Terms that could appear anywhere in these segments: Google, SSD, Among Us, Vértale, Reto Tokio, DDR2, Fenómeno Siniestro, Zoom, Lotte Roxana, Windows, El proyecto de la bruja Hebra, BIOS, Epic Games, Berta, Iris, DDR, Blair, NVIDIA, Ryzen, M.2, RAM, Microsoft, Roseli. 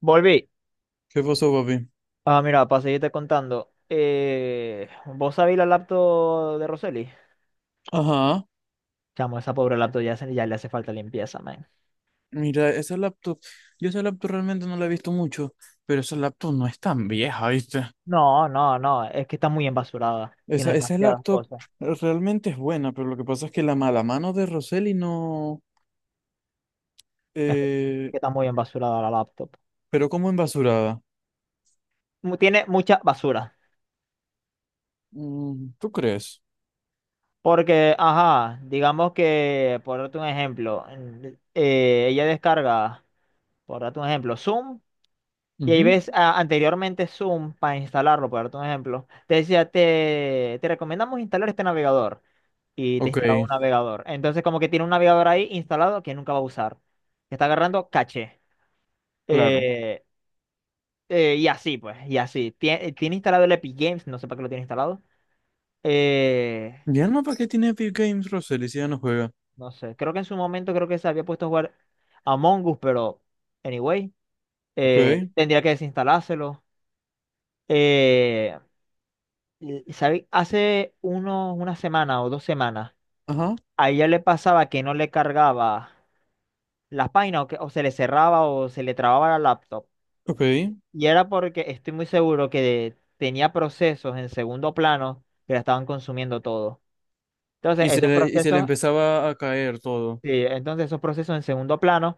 Volví. ¿Qué pasó, papi? Ah, mira, para seguirte contando. ¿Vos sabéis la laptop de Roseli? Ajá. Chamo, esa pobre laptop ya, ya le hace falta limpieza, man. Mira, esa laptop, yo esa laptop realmente no la he visto mucho, pero esa laptop no es tan vieja, ¿viste? No, no, no, es que está muy embasurada. Tiene Esa demasiadas laptop cosas. realmente es buena, pero lo que pasa es que la mala mano de Roseli no... Es que eh, está muy embasurada la laptop. pero como embasurada. Tiene mucha basura. Mm, ¿tú crees? Porque, ajá, digamos que, por darte un ejemplo, ella descarga, por darte un ejemplo, Zoom. Y ahí Ujú. ves anteriormente Zoom para instalarlo, por darte un ejemplo. Te decía, te recomendamos instalar este navegador. Y te Ok, instalaba un navegador. Entonces, como que tiene un navegador ahí instalado que nunca va a usar. Que está agarrando caché. claro. Eh, y así, pues, y así. Tiene instalado el Epic Games, no sé para qué lo tiene instalado. Eh, Ya no, ¿para qué tiene Epic Games Roseli si ya no juega? no sé, creo que en su momento creo que se había puesto a jugar Among Us, pero anyway, Ok, tendría que desinstalárselo. Eh, ¿Sabe? Hace unos, una semana o 2 semanas, ajá, a ella le pasaba que no le cargaba las páginas o, que, o se le cerraba o se le trababa la laptop. ok. Y era porque estoy muy seguro que tenía procesos en segundo plano que la estaban consumiendo todo. Entonces, Y se esos le, y se le procesos, empezaba a caer todo. sí, entonces esos procesos en segundo plano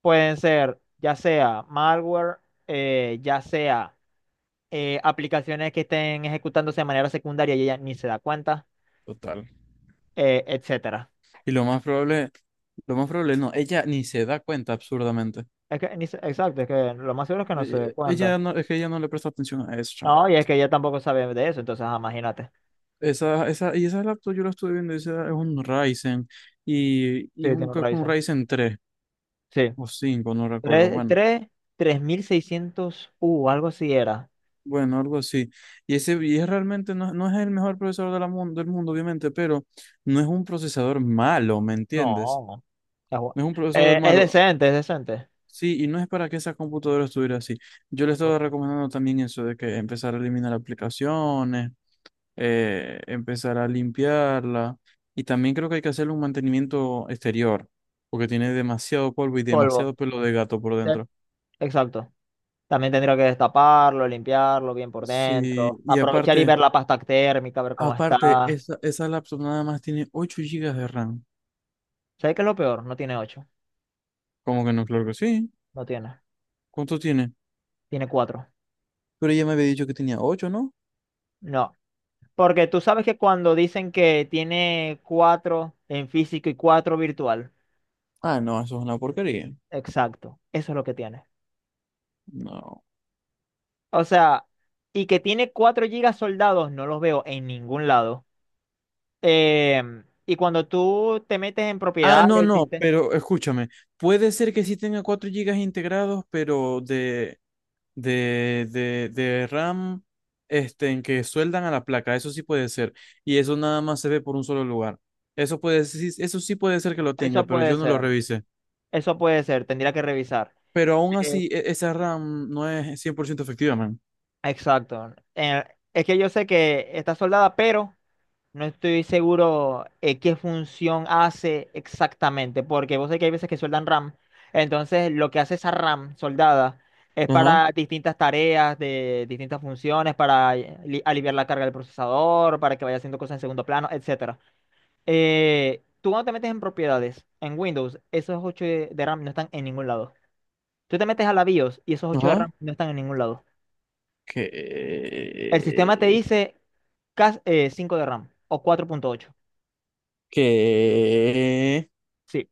pueden ser ya sea malware, ya sea aplicaciones que estén ejecutándose de manera secundaria y ella ni se da cuenta, Total. Etcétera. Y lo más probable no, ella ni se da cuenta absurdamente. Es que, ni se- exacto, es que lo más seguro es que no se Ella, dé cuenta. ella no, es que ella no le presta atención a eso, chamo. No, y es que ella tampoco sabe de eso, entonces ajá, imagínate. Y esa laptop yo la estuve viendo, esa es un Ryzen Sí, y tiene un, un creo que un raíces. Ryzen 3 Sí. o cinco, no recuerdo. Tres, Bueno, tres, 3.600, u algo así era. bueno, algo así. Y ese y es realmente no es el mejor procesador de la del mundo, obviamente, pero no es un procesador malo, ¿me entiendes? No. Es, bu- No es un procesador es malo. decente, es decente. Sí, y no es para que esa computadora estuviera así. Yo le estaba recomendando también eso de que empezar a eliminar aplicaciones, empezar a limpiarla. Y también creo que hay que hacerle un mantenimiento exterior, porque tiene demasiado polvo y Polvo. demasiado pelo de gato por Sí, dentro. exacto. También tendría que destaparlo, limpiarlo bien por Sí, dentro. y Aprovechar y aparte, ver la pasta térmica, ver cómo aparte, está. esa laptop nada más tiene 8 gigas de RAM. ¿Sabes qué es lo peor? No tiene ocho. ¿Cómo que no? Claro que sí. No tiene. ¿Cuánto tiene? Tiene cuatro. Pero ella me había dicho que tenía 8, ¿no? No, porque tú sabes que cuando dicen que tiene cuatro en físico y cuatro virtual, Ah, no, eso es una porquería. exacto, eso es lo que tiene. No. O sea, y que tiene 4 gigas soldados, no los veo en ningún lado. Y cuando tú te metes en Ah, no, propiedades, no, ¿viste? pero escúchame, puede ser que sí tenga 4 gigas integrados, pero de RAM, este, en que sueldan a la placa, eso sí puede ser, y eso nada más se ve por un solo lugar. Eso sí puede ser que lo tenga, Eso pero puede yo no lo ser, revisé. eso puede ser, tendría que revisar. Pero aún Eh, así, esa RAM no es cien por ciento efectiva, man. exacto. Es que yo sé que está soldada, pero... No estoy seguro qué función hace exactamente, porque vos sabés que hay veces que sueldan RAM. Entonces, lo que hace esa RAM soldada es Ajá, para distintas tareas de distintas funciones, para aliviar la carga del procesador, para que vaya haciendo cosas en segundo plano, etcétera. Tú cuando te metes en propiedades, en Windows, esos 8 de RAM no están en ningún lado. Tú te metes a la BIOS y esos ocho de RAM ajá. no están en ningún lado. ¿Qué? El sistema te dice 5 de RAM o 4.8. ¿Qué? Sí.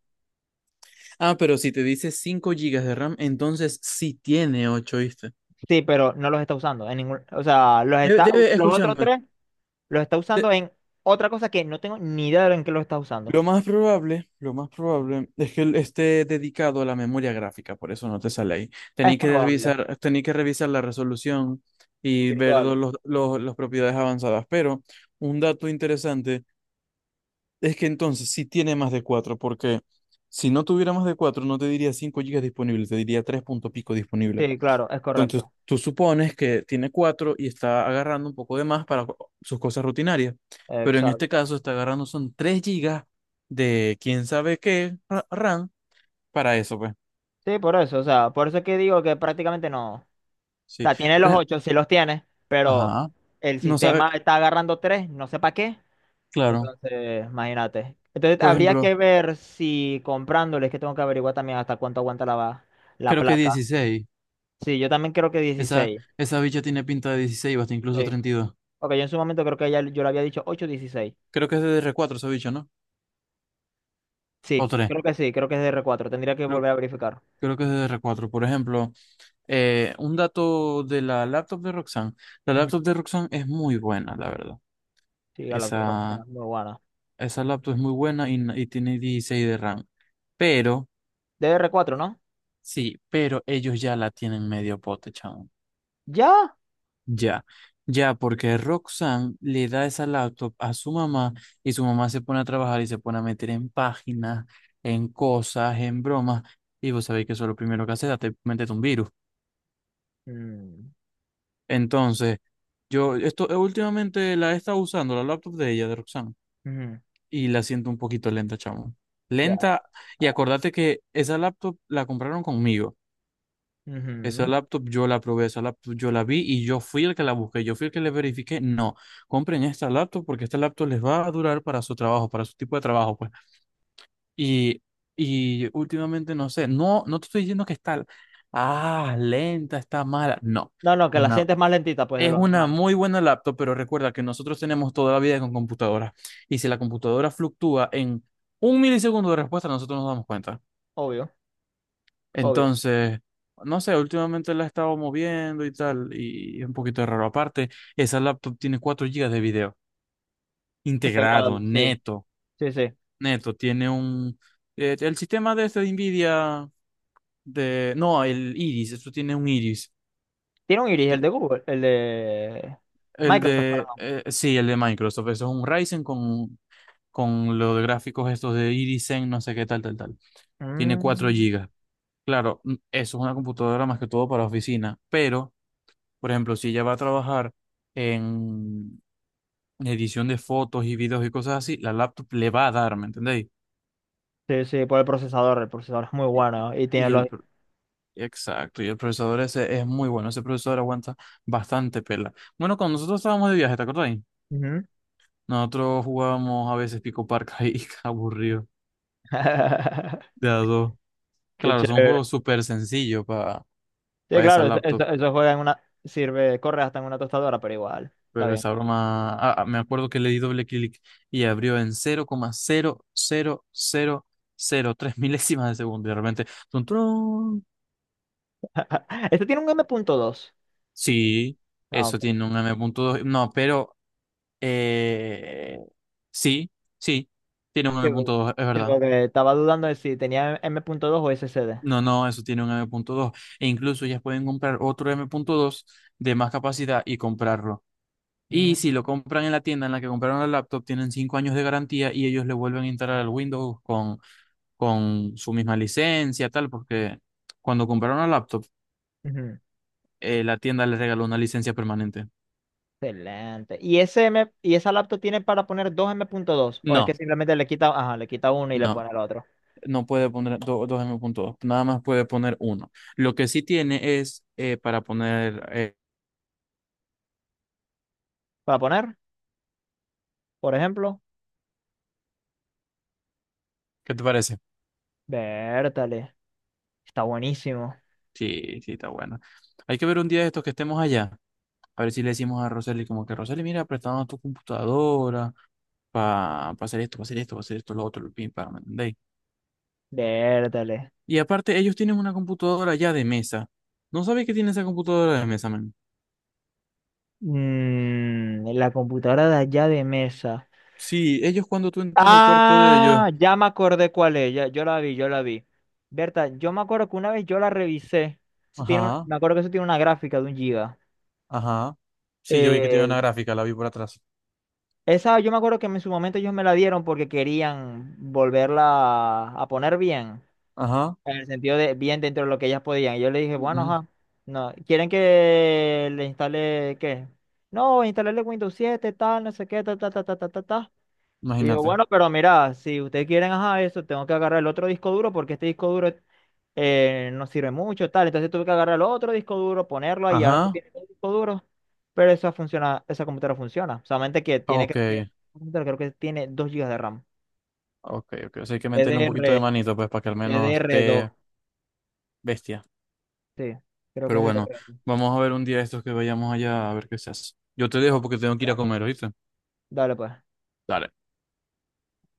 Ah, pero si te dice 5 gigas de RAM, entonces sí tiene 8, ¿viste? Sí, pero no los está usando en ningún, o sea, los Debe, está, debe- los otros escúchame. tres los está de- usando en otra cosa que no tengo ni idea de en qué los está usando. lo más probable, lo más probable es que él esté dedicado a la memoria gráfica, por eso no te sale ahí. Es probable. Tenía que revisar la resolución y ver Virtual. Los, las propiedades avanzadas. Pero un dato interesante es que entonces sí tiene más de 4 porque si no tuviera más de 4 no te diría 5 gigas disponibles, te diría 3 punto pico disponible. Sí, claro, es Entonces, correcto. tú supones que tiene cuatro y está agarrando un poco de más para sus cosas rutinarias, pero en este Exacto. caso está agarrando son 3 gigas de quién sabe qué RAM para eso, pues. Sí, por eso, o sea, por eso es que digo que prácticamente no. O Sí. sea, tiene Por los ejemplo, ocho, sí los tiene, pero ajá. el No sabe, sistema está agarrando tres, no sé para qué. claro. Entonces, imagínate. Entonces, Por habría que ejemplo, ver si comprándoles, que tengo que averiguar también hasta cuánto aguanta la, la creo que placa. 16. Sí, yo también creo que Esa, 16. esa bicha tiene pinta de 16 o hasta incluso Sí. 32. Ok, yo en su momento creo que ya yo le había dicho ocho 16. Creo que es de DDR4 esa bicha, ¿no? O tres. Sí, creo que es D R cuatro. Tendría que Creo, volver a verificar. creo que es de D D r cuatro. Por ejemplo, un dato de la laptop de Roxanne. La Ujú. laptop de Roxanne es muy buena, la verdad. Sí, la Lotte Roxana Esa, es muy buena. esa laptop es muy buena y tiene 16 de RAM. Pero, D R cuatro, ¿no? sí, pero ellos ya la tienen medio pote, chamo. ¿Ya? Ya, ya, porque Roxanne le da esa laptop a su mamá y su mamá se pone a trabajar y se pone a meter en páginas, en cosas, en bromas. Y vos sabéis que eso es lo primero que hace, date, métete un virus. Mm, Entonces, yo, esto, últimamente la he estado usando, la laptop de ella, de Roxanne. ujú, Y la siento un poquito lenta, chamo. ya, Lenta, y acordate que esa laptop la compraron conmigo. Esa ujú. laptop yo la probé, esa laptop yo la vi y yo fui el que la busqué, yo fui el que le verifiqué. No, compren esta laptop porque esta laptop les va a durar para su trabajo, para su tipo de trabajo, pues. Y, y últimamente no sé, no, no te estoy diciendo que está, ah, lenta, está mala. No, No, no, que la una, sientes más lentita, pues, de es lo una normal. muy buena laptop, pero recuerda que nosotros tenemos toda la vida con computadora. Y si la computadora fluctúa en un milisegundo de respuesta, nosotros nos damos cuenta. Obvio, obvio. Entonces, no sé, últimamente la he estado moviendo y tal, y es un poquito raro. Aparte, esa laptop tiene 4 gigas de video integrado, Integrado, sí, neto, sí, sí. neto. Tiene un... el sistema de este de NVIDIA, de... No, el Iris, eso tiene un Iris. Tiene un iris, el de Google, el de El Microsoft, de, perdón. Sí, el de Microsoft. Eso es un Ryzen con lo de gráficos estos de Irizen, no sé qué tal, tal, tal. Tiene 4 Mm, gigas. Claro, mm, eso es una computadora más que todo para oficina. Pero, por ejemplo, si ella va a trabajar en edición de fotos y videos y cosas así, la laptop le va a dar, ¿me entendéis? sí, sí, por el procesador. El procesador es muy Y bueno y tiene y el, los... pro- exacto, y el procesador ese es muy bueno. Ese procesador aguanta bastante pela. Bueno, cuando nosotros estábamos de viaje, ¿te acordáis? Ujú. Nosotros jugábamos a veces Pico Parca y aburrido, de a dos. Qué Claro, son chévere. juegos súper sencillos para Sí, esa claro, eso, laptop, eso juega en una. Sirve, corre hasta en una tostadora, pero igual. Está pero bien. esa broma. Ah, ah, me acuerdo que le di doble clic y abrió en 0,00003 milésimas de segundo. Y de repente, ¡tun, turun! Este tiene un M.2. Sí, Ah, eso ok. tiene un M.2. No, pero. eh, sí, sí, tiene un Sí, porque M.2, es verdad. Estaba dudando de si tenía M.2 o SSD. No, no, eso tiene un M.2. E incluso ellas pueden comprar otro M.2 de más capacidad y comprarlo. Mm, Y si lo compran en la tienda en la que compraron la laptop, tienen 5 años de garantía y ellos le vuelven a instalar al Windows con su misma licencia, tal, porque cuando compraron la laptop, ujú. La tienda les regaló una licencia permanente. Excelente. ¿Y ese M, y esa laptop tiene para poner 2 M.2? ¿O es que No, simplemente le quita, ajá, le quita uno y le no, pone el otro? no puede poner dos M.2, nada más puede poner uno. Lo que sí tiene es para poner, Para poner, por ejemplo, ¿qué te parece? Vértale. Está buenísimo. Sí, sí, está bueno. Hay que ver un día de estos que estemos allá. A ver si le decimos a Roseli como que Roseli, mira, prestamos tu computadora para hacer esto, para hacer esto, para hacer esto, lo otro, lo pim, para, ¿me entendéis? Vértale. Y aparte, ellos tienen una computadora ya de mesa. ¿No sabéis que tiene esa computadora de mesa, man? Mm, la computadora de allá de mesa. Sí, ellos cuando tú entras al cuarto de ellos. Ah, ya me acordé cuál es. Yo la vi, yo la vi. Berta, yo me acuerdo que una vez yo la revisé. Eso tiene Ajá, me acuerdo que eso tiene una gráfica de 1 giga. ajá. Sí, yo vi que tiene Eh, una gráfica, la vi por atrás. esa yo me acuerdo que en su momento ellos me la dieron porque querían volverla a poner bien. Ajá, En el sentido de bien dentro de lo que ellas podían. Y yo le dije, bueno, ujú, ajá. No, ¿quieren que le instale qué? No, instalarle Windows 7, tal, no sé qué, ta, ta, ta, ta, ta, ta, ta. Y yo, imagínate. bueno, pero mira, si ustedes quieren, ajá, eso, tengo que agarrar el otro disco duro porque este disco duro no sirve mucho, tal. Entonces tuve que agarrar el otro disco duro, ponerlo ahí, ahora se Ajá, tiene el disco duro. Pero esa funciona, esa computadora funciona. Solamente que tiene, ok, creo que, computadora creo que tiene 2 gigas de RAM. ok, ok. O sea, hay que meterle un DDR, poquito de manito, pues, para que al menos DDR2. esté bestia. Sí, creo que Pero es bueno, DDR2. vamos a ver un día estos que vayamos allá a ver qué se hace. Yo te dejo porque tengo que ir a comer, ¿oíste? Dale, pues. Dale.